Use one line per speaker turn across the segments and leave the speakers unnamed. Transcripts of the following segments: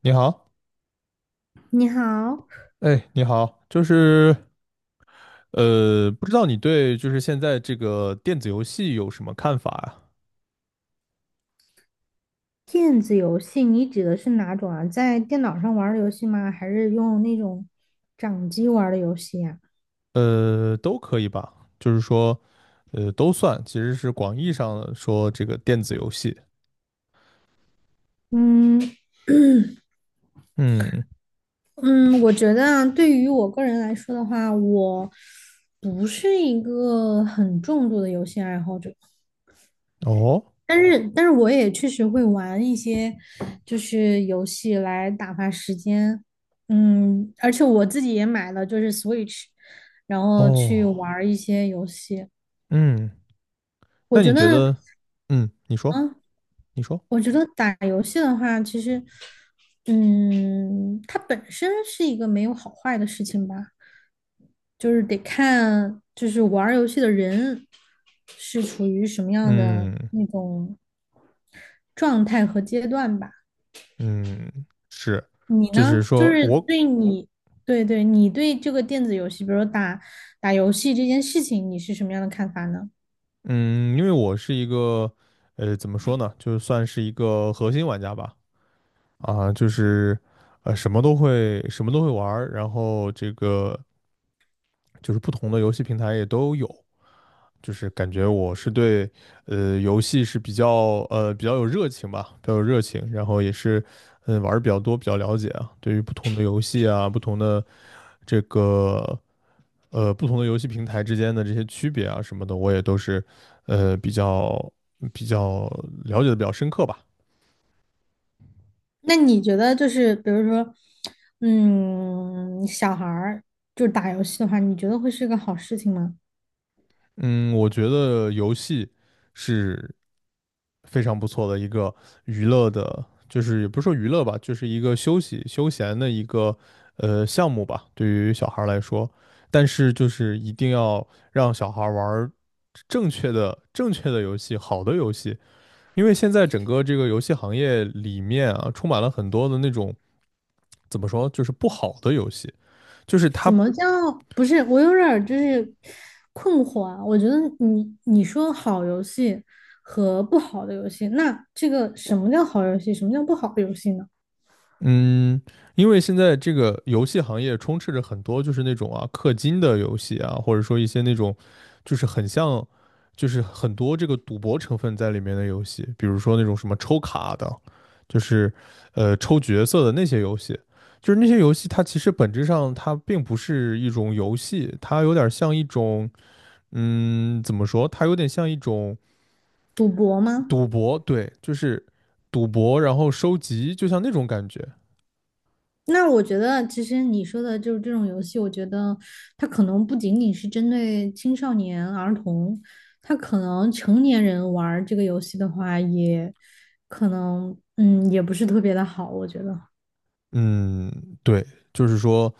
你好。
你好，
哎，你好，不知道你对就是现在这个电子游戏有什么看法啊？
电子游戏你指的是哪种啊？在电脑上玩儿的游戏吗？还是用那种掌机玩儿的游戏呀？
呃，都可以吧。就是说，都算，其实是广义上的说这个电子游戏。
嗯
嗯。
嗯，我觉得啊，对于我个人来说的话，我不是一个很重度的游戏爱好者，
哦。
但是我也确实会玩一些就是游戏来打发时间。嗯，而且我自己也买了就是 Switch，然后去玩
哦。
儿一些游戏。
嗯。
我
那
觉
你
得。
觉得，嗯，你说，
啊，
你说，
我觉得打游戏的话，其实，嗯，它本身是一个没有好坏的事情吧，就是得看，就是玩儿游戏的人是处于什么样的
嗯。
那种状态和阶段吧。
嗯，是。
你
就是
呢？就
说
是
我，
对你，对对，你对这个电子游戏，比如说打游戏这件事情，你是什么样的看法呢？
嗯，因为我是一个，怎么说呢，就算是一个核心玩家吧。啊，就是呃什么都会玩儿，然后这个就是不同的游戏平台也都有。就是感觉我是对游戏是比较比较有热情吧，比较有热情，然后也是玩儿比较多，比较了解啊，对于不同的游戏啊，不同的这个不同的游戏平台之间的这些区别啊什么的，我也都是呃比较比较了解的比较深刻吧。
那你觉得就是，比如说，嗯，小孩儿就是打游戏的话，你觉得会是个好事情吗？
嗯，我觉得游戏是非常不错的一个娱乐的，就是也不是说娱乐吧，就是一个休息休闲的一个项目吧，对于小孩儿来说。但是就是一定要让小孩儿玩儿正确的游戏，好的游戏，因为现在整个这个游戏行业里面啊，充满了很多的那种怎么说，就是不好的游戏，就是
什
它
么叫不是？我有点儿就是困惑啊。我觉得你说好游戏和不好的游戏，那这个什么叫好游戏，什么叫不好的游戏呢？
嗯，因为现在这个游戏行业充斥着很多就是那种啊氪金的游戏啊，或者说一些那种就是很像，就是很多这个赌博成分在里面的游戏，比如说那种什么抽卡的，就是抽角色的那些游戏，就是那些游戏它其实本质上它并不是一种游戏，它有点像一种嗯怎么说，它有点像一种
赌博吗？
赌博。对，就是赌博，然后收集，就像那种感觉。
那我觉得其实你说的就是这种游戏，我觉得它可能不仅仅是针对青少年儿童，它可能成年人玩儿这个游戏的话，也可能嗯也不是特别的好，我觉得
嗯，对，就是说，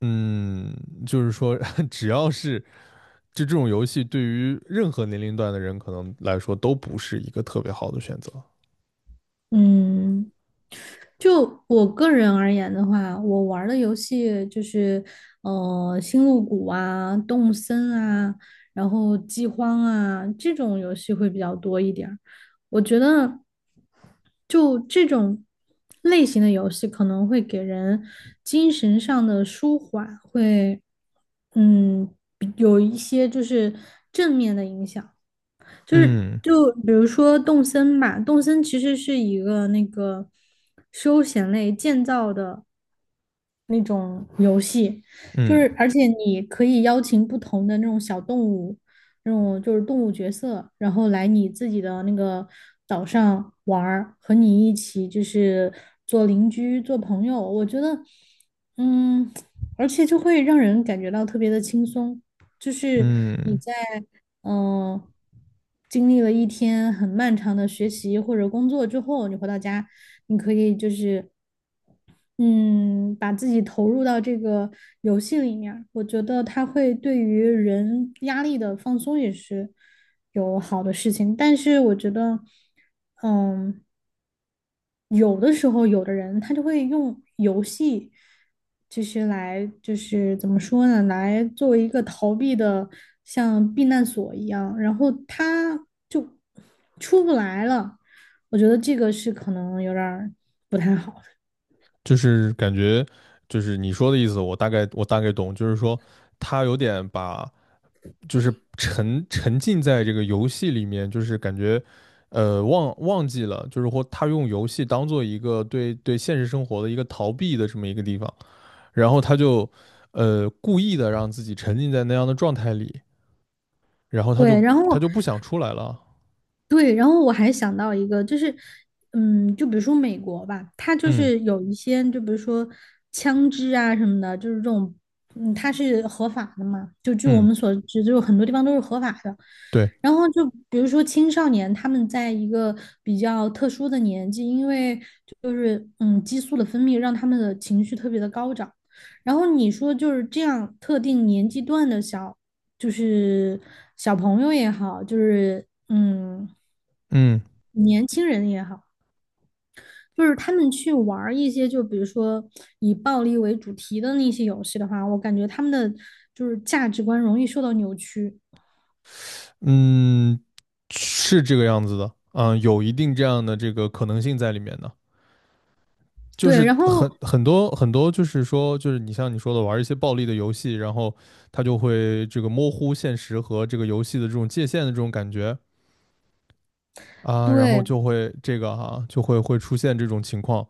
嗯，就是说，只要是就这种游戏，对于任何年龄段的人可能来说都不是一个特别好的选择。
嗯。就我个人而言的话，我玩儿的游戏就是，星露谷啊、动森啊，然后饥荒啊这种游戏会比较多一点儿。我觉得，就这种类型的游戏可能会给人精神上的舒缓，会嗯有一些就是正面的影响。就是
嗯
就比如说动森吧，《动森其实是一个那个休闲类建造的，那种游戏，就
嗯
是而且你可以邀请不同的那种小动物，那种就是动物角色，然后来你自己的那个岛上玩儿，和你一起就是做邻居、做朋友。我觉得，嗯，而且就会让人感觉到特别的轻松，就是你
嗯。
在嗯、呃经历了一天很漫长的学习或者工作之后，你回到家，你可以就是。嗯，把自己投入到这个游戏里面儿我觉得它会对于人压力的放松也是有好的事情。但是我觉得，嗯，有的时候有的人他就会用游戏，就是来就是怎么说呢，来作为一个逃避的像避难所一样，然后他就出不来了。我觉得这个是可能有点儿不太好的。
就是感觉，就是你说的意思，我大概懂。就是说，他有点把，就是沉浸在这个游戏里面，就是感觉，呃，忘记了，就是或他用游戏当做一个对现实生活的一个逃避的这么一个地方。然后他就故意的让自己沉浸在那样的状态里，然后他就
对，然后。
他就不想出来了。
对，然后我还想到一个，就是，嗯，就比如说美国吧，它就
嗯。
是有一些，就比如说枪支啊什么的，就是这种，嗯，它是合法的嘛，就据我
嗯，
们所知，就是很多地方都是合法的。
对。
然后就比如说青少年，他们在一个比较特殊的年纪，因为就是嗯激素的分泌让他们的情绪特别的高涨。然后你说就是这样特定年纪段的小，就是小朋友也好，就是嗯。
嗯。
年轻人也好，就是他们去玩儿一些，就比如说以暴力为主题的那些游戏的话，我感觉他们的就是价值观容易受到扭曲。
嗯，是这个样子的，嗯，有一定这样的这个可能性在里面的。就
对，
是
然后
很多,就是说，就是你像你说的，玩一些暴力的游戏，然后他就会这个模糊现实和这个游戏的这种界限的这种感觉啊，然后
对，
就会这个就会出现这种情况，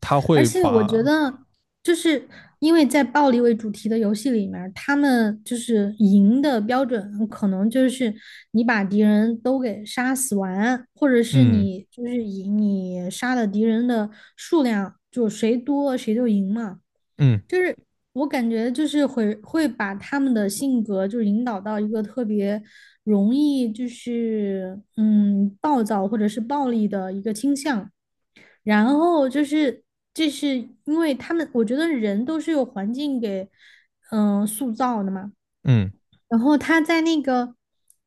他
而
会
且我觉
把。
得就是因为在暴力为主题的游戏里面儿他们就是赢的标准可能就是你把敌人都给杀死完，或者是
嗯。
你就是以你杀的敌人的数量，就谁多谁就赢嘛。
嗯。
就是我感觉就是会把他们的性格就是引导到一个特别容易就是嗯暴躁或者是暴力的一个倾向，然后就是这是因为他们我觉得人都是由环境给塑造的嘛，
嗯。
然后他在那个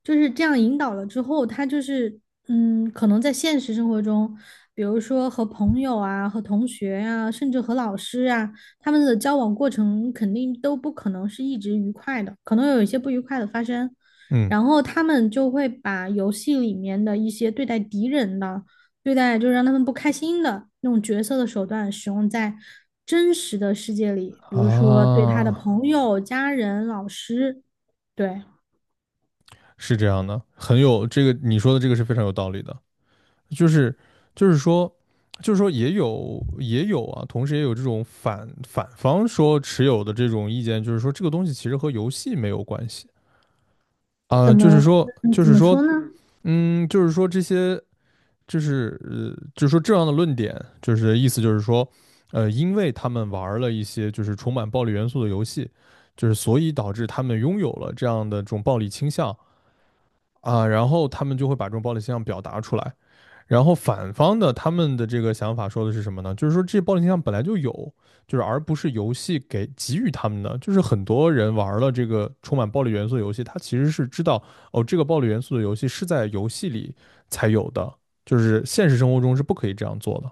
就是这样引导了之后，他就是嗯，可能在现实生活中，比如说和朋友啊、和同学啊，甚至和老师啊，他们的交往过程肯定都不可能是一直愉快的，可能有一些不愉快的发生。
嗯。
然后他们就会把游戏里面的一些对待敌人的、对待就是让他们不开心的那种角色的手段使用在真实的世界里，比如说对他的
啊，
朋友、家人、老师。对，
是这样的，很有这个你说的这个是非常有道理的。就是就是说就是说也有同时也有这种反方说持有的这种意见，就是说这个东西其实和游戏没有关系啊。
怎么怎么说呢？
就是说这些就是呃，就是说这样的论点，意思就是说,呃，因为他们玩儿了一些就是充满暴力元素的游戏，就是所以导致他们拥有了这样的这种暴力倾向啊，然后他们就会把这种暴力倾向表达出来。然后反方的他们的这个想法说的是什么呢？就是说这暴力倾向本来就有，就是而不是游戏给予他们的。就是很多人玩了这个充满暴力元素的游戏，他其实是知道哦，这个暴力元素的游戏是在游戏里才有的，就是现实生活中是不可以这样做的。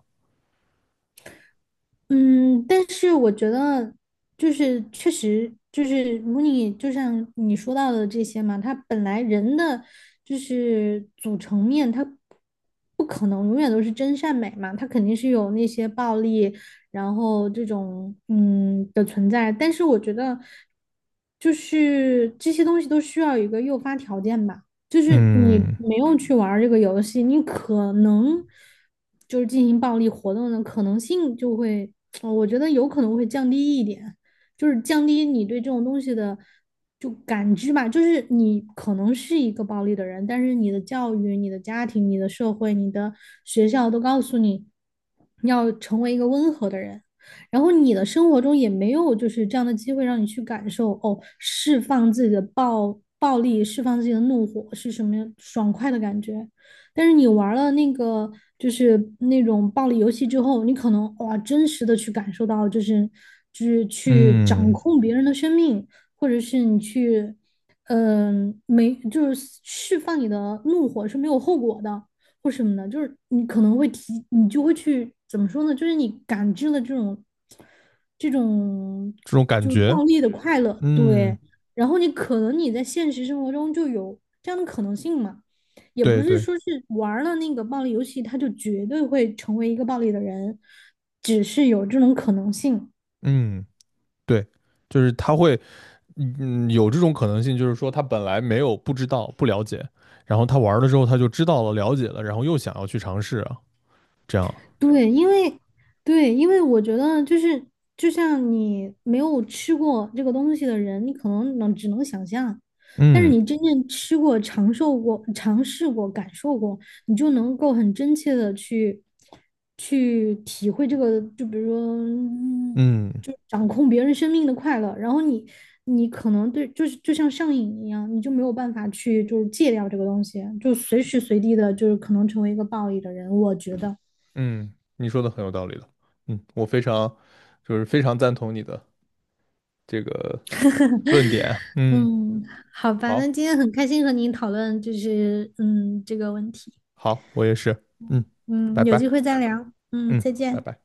嗯，但是我觉得就是确实就是如你就像你说到的这些嘛，它本来人的就是组成面，它不可能永远都是真善美嘛，它肯定是有那些暴力，然后这种嗯的存在。但是我觉得就是这些东西都需要一个诱发条件吧。就是你
嗯。
没有去玩儿这个游戏，你可能就是进行暴力活动的可能性就会，我觉得有可能会降低一点，就是降低你对这种东西的就感知吧。就是你可能是一个暴力的人，但是你的教育、你的家庭、你的社会、你的学校都告诉你要成为一个温和的人。然后你的生活中也没有就是这样的机会让你去感受哦，释放自己的暴力，释放自己的怒火是什么爽快的感觉。但是你玩了那个就是那种暴力游戏之后，你可能哇，真实的去感受到，就是就是去掌
嗯，
控别人的生命，或者是你去，没就是释放你的怒火是没有后果的。或什么的，就是你可能会提，你就会去怎么说呢？就是你感知了这种
这种感
就是
觉。
暴力的快乐，
嗯，
对。然后你可能你在现实生活中就有这样的可能性嘛，也不
对
是
对。
说是玩了那个暴力游戏，他就绝对会成为一个暴力的人，只是有这种可能性。
嗯，对，就是他会嗯，有这种可能性。就是说他本来没有不知道、不了解，然后他玩了之后他就知道了、了解了，然后又想要去尝试啊，这样。
对，因为对，因为我觉得就是就像你没有吃过这个东西的人，你可能只能想象，但是
嗯。
你真正吃过、尝受过、尝试过、感受过，你就能够很真切的去体会这个，就比如说，嗯
嗯。
就掌控别人生命的快乐，然后你可能对就是就像上瘾一样，你就没有办法去就是戒掉这个东西，就随时随地的就是可能成为一个暴力的人，我觉得。
嗯，你说的很有道理的。嗯，我非常非常赞同你的这个论点。嗯，
嗯，好吧，那
好，
今天很开心和您讨论，就是嗯这个问题。
好，我也是。嗯，拜
嗯，有机
拜。
会再聊。嗯，
嗯，
再
拜
见。
拜。